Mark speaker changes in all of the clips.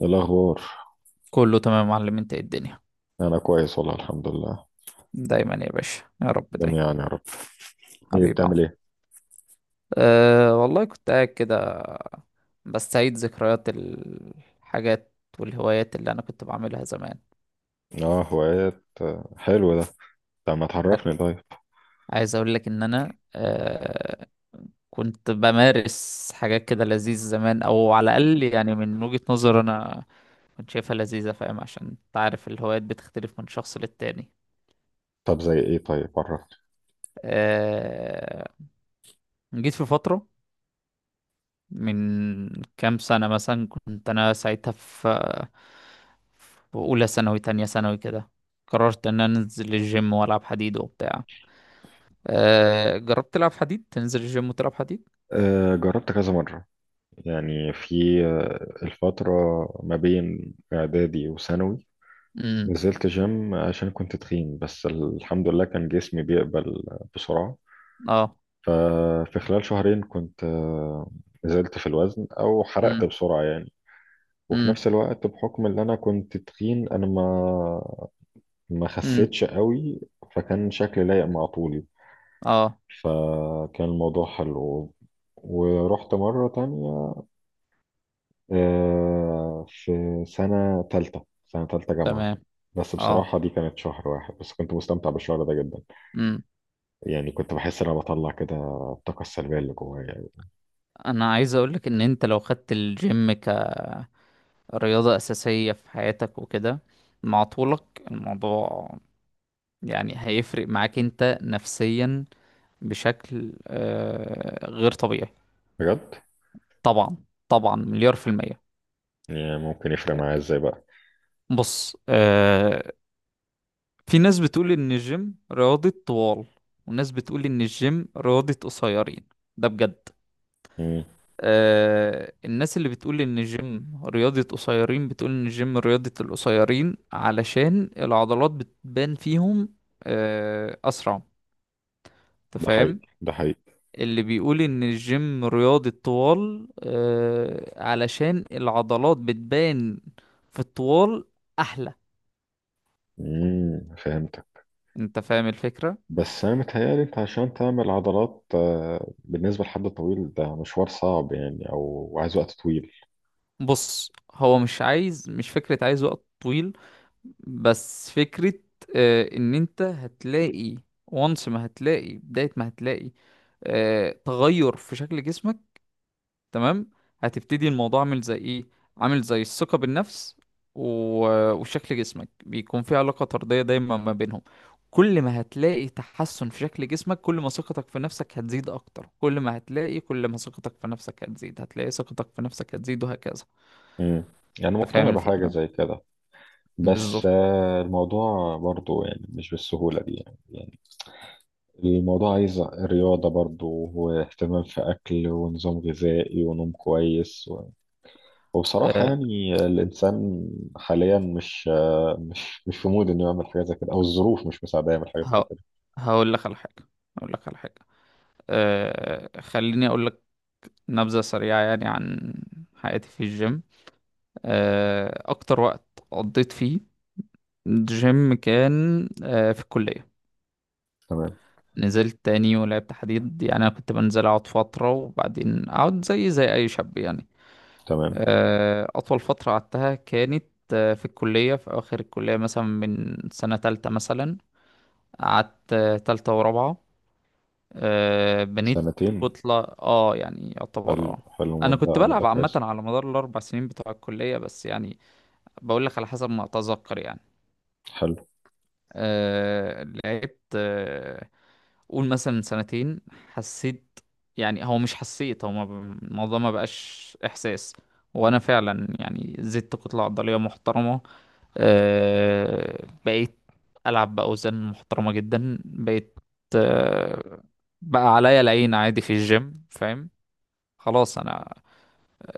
Speaker 1: إيه الأخبار؟
Speaker 2: كله تمام يا معلم، انت ايه الدنيا؟
Speaker 1: أنا كويس والله الحمد لله.
Speaker 2: دايما يا باشا، يا رب دايما.
Speaker 1: جميعا يا رب. إيه
Speaker 2: حبيبي يا عم.
Speaker 1: بتعمل إيه؟
Speaker 2: أه والله، كنت قاعد كده، بستعيد ذكريات الحاجات والهوايات اللي انا كنت بعملها زمان.
Speaker 1: آه، هوايات، حلو ده. طب ما تعرفني طيب.
Speaker 2: عايز اقول لك ان انا كنت بمارس حاجات كده لذيذة زمان، او على الاقل يعني من وجهة نظر انا كنت شايفها لذيذة. فاهم؟ عشان تعرف الهوايات بتختلف من شخص للتاني.
Speaker 1: طب زي إيه طيب عرفني.
Speaker 2: أه جيت في فترة من كام سنة مثلا. كنت أنا ساعتها في أولى ثانوي تانية ثانوي كده. قررت إن أنا أنزل الجيم وألعب حديد وبتاع. جربت تلعب حديد؟ تنزل الجيم وتلعب حديد؟
Speaker 1: آه، جربت كذا مرة. يعني في الفترة ما بين إعدادي وثانوي.
Speaker 2: امم.
Speaker 1: نزلت جيم عشان كنت تخين، بس الحمد لله كان جسمي بيقبل بسرعة.
Speaker 2: اه.
Speaker 1: ففي خلال شهرين كنت نزلت في الوزن أو حرقت
Speaker 2: امم.
Speaker 1: بسرعة يعني. وفي
Speaker 2: امم.
Speaker 1: نفس الوقت بحكم ان انا كنت تخين، انا ما
Speaker 2: امم.
Speaker 1: خسيتش قوي. فكان شكلي لايق مع طولي.
Speaker 2: اه.
Speaker 1: فكان الموضوع حلو. ورحت مرة تانية في سنة تالتة جامعة.
Speaker 2: تمام.
Speaker 1: بس
Speaker 2: اه.
Speaker 1: بصراحة دي كانت شهر واحد، بس كنت مستمتع بالشهر ده جدا.
Speaker 2: امم.
Speaker 1: يعني كنت بحس إن أنا بطلع كده الطاقة السلبية اللي جوايا يعني.
Speaker 2: أنا عايز أقولك إن أنت لو خدت الجيم كرياضة أساسية في حياتك وكده، مع طولك، الموضوع يعني هيفرق معاك انت نفسيا بشكل غير طبيعي.
Speaker 1: بجد.
Speaker 2: طبعا، طبعا. مليار في المية.
Speaker 1: يعني ممكن يفرق معايا إزاي بقى؟
Speaker 2: بص، في ناس بتقول ان الجيم رياضة طوال، وناس بتقول ان الجيم رياضة قصيرين. ده بجد.
Speaker 1: مم.
Speaker 2: الناس اللي بتقول ان الجيم رياضة قصيرين بتقول ان الجيم رياضة القصيرين علشان العضلات بتبان فيهم اسرع. انت
Speaker 1: ده حقيقي
Speaker 2: فاهم؟
Speaker 1: ده حقيقي.
Speaker 2: اللي بيقول ان الجيم رياضي الطوال علشان العضلات بتبان في الطوال احلى.
Speaker 1: مم. فهمت.
Speaker 2: انت فاهم الفكرة؟
Speaker 1: بس انا متهيألي انت عشان تعمل عضلات بالنسبه لحد طويل، ده مشوار صعب يعني او عايز وقت طويل.
Speaker 2: بص، هو مش عايز، مش فكرة عايز وقت طويل، بس فكرة ان انت هتلاقي. وانس ما هتلاقي بداية، ما هتلاقي تغير في شكل جسمك. تمام؟ هتبتدي الموضوع عامل زي ايه؟ عامل زي الثقة بالنفس و... وشكل جسمك بيكون في علاقة طردية دايما ما بينهم. كل ما هتلاقي تحسن في شكل جسمك، كل ما ثقتك في نفسك هتزيد اكتر. كل ما ثقتك في نفسك هتزيد، هتلاقي ثقتك في نفسك هتزيد، وهكذا.
Speaker 1: امم يعني
Speaker 2: انت فاهم
Speaker 1: مقتنع بحاجه
Speaker 2: الفكرة؟
Speaker 1: زي كده. بس
Speaker 2: بالظبط.
Speaker 1: الموضوع برضو يعني مش بالسهوله دي يعني. الموضوع عايز رياضه برضو، واهتمام في اكل ونظام غذائي ونوم كويس وبصراحه
Speaker 2: أه
Speaker 1: يعني الانسان حاليا مش آه، مش مش في مود انه يعمل حاجه زي كده او الظروف مش مساعده يعمل حاجه زي
Speaker 2: ه...
Speaker 1: كده.
Speaker 2: هقول لك على حاجة هقول لك على حاجة. خليني اقول لك نبذة سريعة يعني عن حياتي في الجيم. اكتر وقت قضيت فيه جيم كان في الكلية.
Speaker 1: تمام.
Speaker 2: نزلت تاني ولعبت حديد. يعني أنا كنت بنزل أقعد فترة وبعدين أقعد زي أي شاب يعني.
Speaker 1: تمام.
Speaker 2: أطول فترة قعدتها كانت في الكلية. في أواخر الكلية مثلا، من سنة تالتة مثلا، قعدت تالتة ورابعة. بنيت
Speaker 1: سنتين.
Speaker 2: كتلة يعني يعتبر
Speaker 1: حلو.
Speaker 2: اه
Speaker 1: حلو
Speaker 2: أنا كنت
Speaker 1: مدة
Speaker 2: بلعب عامة
Speaker 1: كويسة.
Speaker 2: على مدار الأربع سنين بتوع الكلية، بس يعني بقول لك على حسب ما أتذكر يعني.
Speaker 1: حلو.
Speaker 2: لعبت قول مثلا من سنتين حسيت. يعني هو مش حسيت، هو ما ب- الموضوع ما بقاش احساس. وانا فعلا يعني زدت كتلة عضلية محترمة. بقيت العب باوزان محترمة جدا. بقيت، أه بقى عليا العين عادي في الجيم. فاهم؟ خلاص، انا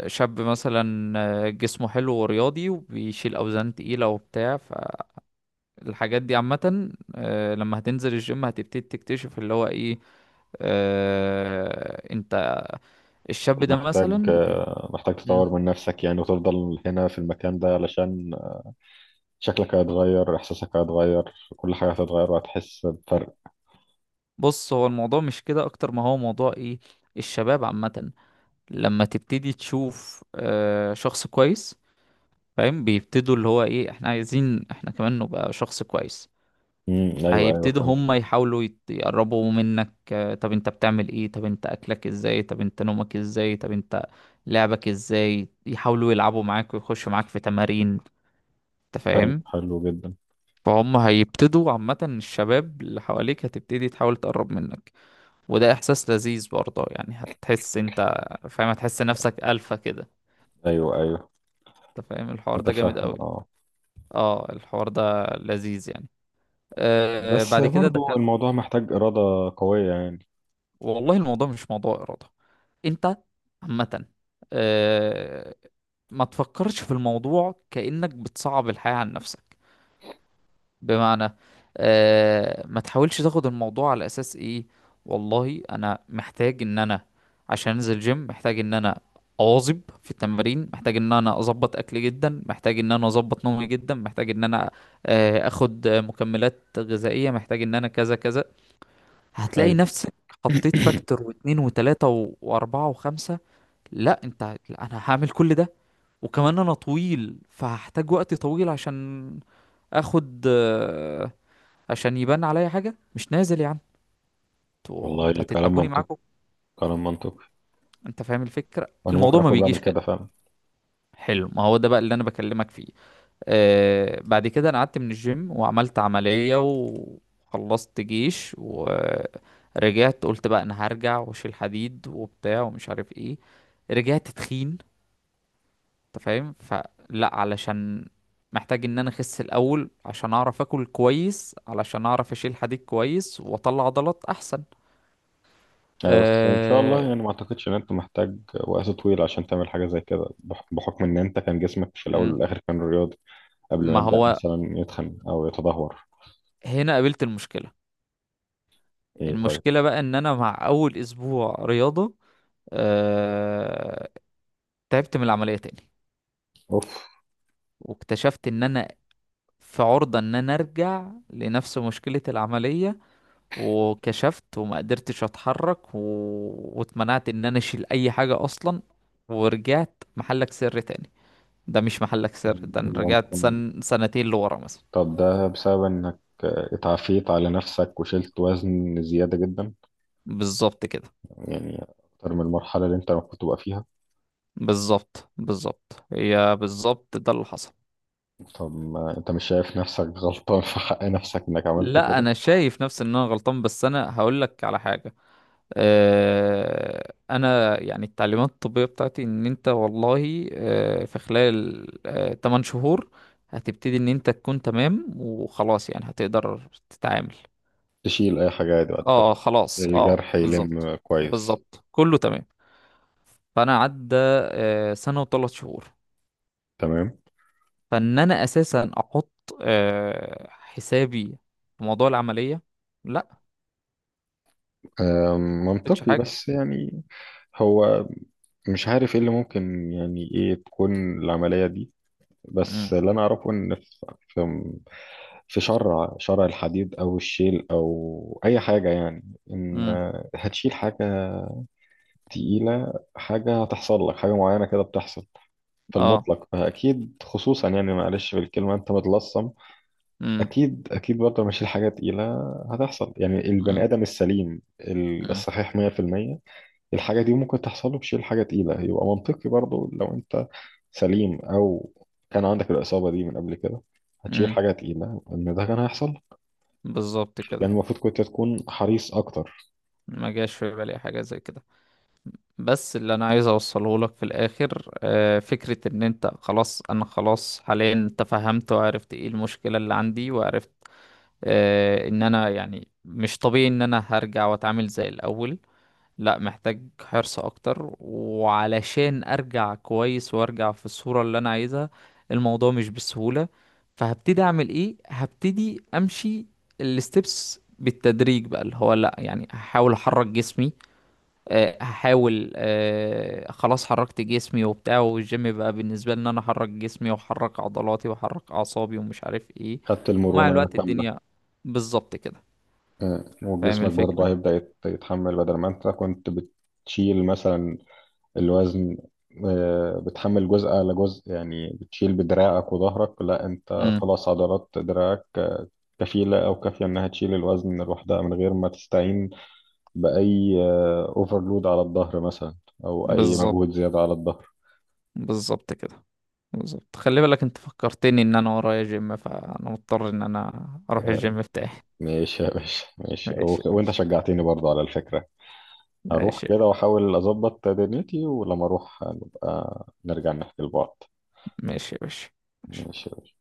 Speaker 2: شاب مثلا جسمه حلو ورياضي وبيشيل اوزان تقيلة وبتاع. فالحاجات دي عامة، لما هتنزل الجيم هتبتدي تكتشف اللي هو ايه. انت الشاب ده
Speaker 1: محتاج
Speaker 2: مثلا
Speaker 1: محتاج
Speaker 2: مم.
Speaker 1: تطور من نفسك يعني وتفضل هنا في المكان ده علشان شكلك هيتغير، إحساسك هيتغير، كل حاجة هتتغير وهتحس بفرق.
Speaker 2: بص، هو الموضوع مش كده اكتر ما هو موضوع ايه. الشباب عامة لما تبتدي تشوف شخص كويس، فاهم، بيبتدوا اللي هو ايه، احنا عايزين احنا كمان نبقى شخص كويس.
Speaker 1: امم، أيوه، أيوه،
Speaker 2: هيبتدوا
Speaker 1: فهمت.
Speaker 2: هم يحاولوا يقربوا منك. طب انت بتعمل ايه؟ طب انت اكلك ازاي؟ طب انت نومك ازاي؟ طب انت لعبك ازاي؟ يحاولوا يلعبوا معاك ويخشوا معاك في تمارين. انت
Speaker 1: حلو،
Speaker 2: فاهم؟
Speaker 1: حلو جدا.
Speaker 2: فهم هيبتدوا عامة، الشباب اللي حواليك هتبتدي تحاول تقرب منك. وده إحساس لذيذ برضه يعني. هتحس أنت، فاهم، هتحس نفسك ألفا كده.
Speaker 1: أيوه، أيوه.
Speaker 2: أنت فاهم، الحوار ده جامد
Speaker 1: متفهم
Speaker 2: أوي.
Speaker 1: أه
Speaker 2: اه الحوار ده لذيذ يعني.
Speaker 1: بس
Speaker 2: بعد كده
Speaker 1: برضو
Speaker 2: دخلت.
Speaker 1: الموضوع محتاج إرادة قوية يعني.
Speaker 2: والله الموضوع مش موضوع إرادة. أنت عامة، آه ما تفكرش في الموضوع كأنك بتصعب الحياة عن نفسك. بمعنى، ما تحاولش تاخد الموضوع على اساس ايه. والله انا محتاج ان انا، عشان انزل جيم محتاج ان انا اواظب في التمارين، محتاج ان انا اظبط اكلي جدا، محتاج ان انا اظبط نومي جدا، محتاج ان انا اخد مكملات غذائية، محتاج ان انا كذا كذا. هتلاقي
Speaker 1: أيوه.
Speaker 2: نفسك حطيت فاكتور واتنين وتلاتة واربعة وخمسة. لا انت، لا انا هعمل كل ده وكمان انا طويل، فهحتاج وقت طويل عشان اخد آه، عشان يبان عليا حاجة. مش نازل يا عم، انت
Speaker 1: والله كلام
Speaker 2: هتتعبوني
Speaker 1: منطقي.
Speaker 2: معاكم.
Speaker 1: كلام منطقي.
Speaker 2: انت فاهم الفكرة؟
Speaker 1: وأنا ممكن
Speaker 2: الموضوع ما
Speaker 1: أكون بعمل
Speaker 2: بيجيش
Speaker 1: كده
Speaker 2: كده.
Speaker 1: فعلا.
Speaker 2: حلو، ما هو ده بقى اللي انا بكلمك فيه. بعد كده انا قعدت من الجيم وعملت عملية وخلصت جيش ورجعت، قلت بقى انا هرجع واشيل حديد وبتاع ومش عارف ايه. رجعت تخين. انت فاهم؟ فلا، علشان محتاج ان انا اخس الاول عشان اعرف اكل كويس، علشان اعرف اشيل حديد كويس واطلع عضلات احسن.
Speaker 1: أيوة، بس إن شاء الله
Speaker 2: آه،
Speaker 1: يعني ما أعتقدش إن أنت محتاج وقت طويل عشان تعمل حاجة زي كده بحكم إن أنت كان جسمك في الأول
Speaker 2: مم.
Speaker 1: والآخر كان رياضي قبل ما
Speaker 2: ما
Speaker 1: يبدأ
Speaker 2: هو
Speaker 1: مثلا يتخن أو يتدهور.
Speaker 2: هنا قابلت المشكلة.
Speaker 1: إيه طيب.
Speaker 2: المشكلة بقى ان انا مع اول اسبوع رياضة آه... تعبت من العملية تاني.
Speaker 1: أوف.
Speaker 2: واكتشفت ان انا في عرضة ان انا ارجع لنفس مشكلة العملية. وكشفت وما قدرتش اتحرك و... واتمنعت ان انا اشيل اي حاجة اصلا. ورجعت محلك سر تاني. ده مش محلك سر، ده انا رجعت
Speaker 1: ممكن.
Speaker 2: سنتين لورا مثلا.
Speaker 1: طب ده بسبب إنك اتعافيت على نفسك وشلت وزن زيادة جدا
Speaker 2: بالظبط كده.
Speaker 1: يعني، أكتر من المرحلة اللي أنت المفروض تبقى فيها.
Speaker 2: بالظبط، بالظبط، هي بالظبط ده اللي حصل.
Speaker 1: طب ما أنت مش شايف نفسك غلطان في حق نفسك إنك عملت
Speaker 2: لا،
Speaker 1: كده؟
Speaker 2: انا شايف نفسي ان انا غلطان، بس انا هقول لك على حاجه. انا يعني التعليمات الطبيه بتاعتي ان انت والله في خلال 8 شهور هتبتدي ان انت تكون تمام وخلاص، يعني هتقدر تتعامل.
Speaker 1: تشيل أي حاجة عادي بعد كده.
Speaker 2: اه خلاص، اه
Speaker 1: الجرح
Speaker 2: بالظبط.
Speaker 1: يلم كويس.
Speaker 2: بالظبط كله تمام. فانا عدى سنه و3 شهور.
Speaker 1: تمام.
Speaker 2: فان انا اساسا احط حسابي في موضوع العمليه. لا، ما حطيتش
Speaker 1: منطقي
Speaker 2: حاجه.
Speaker 1: بس يعني. هو مش عارف ايه اللي ممكن يعني ايه تكون العملية دي. بس
Speaker 2: امم.
Speaker 1: اللي انا اعرفه ان في شرع الحديد او الشيل او اي حاجة يعني. ان
Speaker 2: امم.
Speaker 1: هتشيل حاجة تقيلة، حاجة هتحصل لك حاجة معينة كده بتحصل في
Speaker 2: اه.
Speaker 1: المطلق، فأكيد خصوصا يعني معلش بالكلمة أنت متلصم.
Speaker 2: امم.
Speaker 1: أكيد، أكيد برضه لما أشيل حاجة تقيلة هتحصل يعني البني
Speaker 2: امم.
Speaker 1: آدم السليم
Speaker 2: امم.
Speaker 1: الصحيح 100%. الحاجة دي ممكن تحصل له بشيل حاجة تقيلة يبقى منطقي برضو لو انت سليم او كان عندك الإصابة دي من قبل كده هتشيل
Speaker 2: امم.
Speaker 1: حاجة تقيلة ان ده كان هيحصل.
Speaker 2: بالظبط كده.
Speaker 1: كان المفروض كنت تكون حريص اكتر.
Speaker 2: ما جاش في بالي حاجة زي كده. بس اللي انا عايز اوصله لك في الاخر فكرة ان انت خلاص انا خلاص حاليا تفهمت وعرفت ايه المشكلة اللي عندي، وعرفت ان انا يعني مش طبيعي ان انا هرجع واتعامل زي الاول. لا، محتاج حرص اكتر وعلشان ارجع كويس وارجع في الصورة اللي انا عايزها. الموضوع مش بالسهولة. فهبتدي اعمل ايه؟ هبتدي امشي الستبس بالتدريج بقى، اللي هو لا، يعني هحاول احرك جسمي آه، هحاول آه، خلاص حركت جسمي وبتاع. والجيم بقى بالنسبة لي ان انا احرك جسمي واحرك عضلاتي واحرك اعصابي ومش عارف ايه.
Speaker 1: خدت
Speaker 2: ومع
Speaker 1: المرونة
Speaker 2: الوقت
Speaker 1: كاملة.
Speaker 2: الدنيا. بالظبط كده. فاهم
Speaker 1: وجسمك برضه
Speaker 2: الفكرة.
Speaker 1: هيبدأ يتحمل بدل ما انت كنت بتشيل مثلا الوزن، بتحمل جزء على جزء يعني، بتشيل بدراعك وظهرك، لا انت
Speaker 2: امم.
Speaker 1: خلاص عضلات دراعك كفيلة او كافية انها تشيل الوزن لوحدها من غير ما تستعين بأي اوفرلود على الظهر مثلا أو أي
Speaker 2: بالظبط،
Speaker 1: مجهود زيادة على الظهر.
Speaker 2: بالظبط كده. بالظبط، خلي بالك، انت فكرتني ان انا ورايا جيم، فانا مضطر ان انا اروح
Speaker 1: آه،
Speaker 2: الجيم بتاعي.
Speaker 1: ماشي يا باشا، ماشي
Speaker 2: ماشي يا
Speaker 1: وأنت
Speaker 2: باشا.
Speaker 1: شجعتني برضه على الفكرة. هروح
Speaker 2: ماشي يا
Speaker 1: كده
Speaker 2: باشا.
Speaker 1: وأحاول أظبط دنيتي ولما أروح نبقى نرجع نحكي لبعض.
Speaker 2: ماشي يا باشا. ماشي.
Speaker 1: ماشي.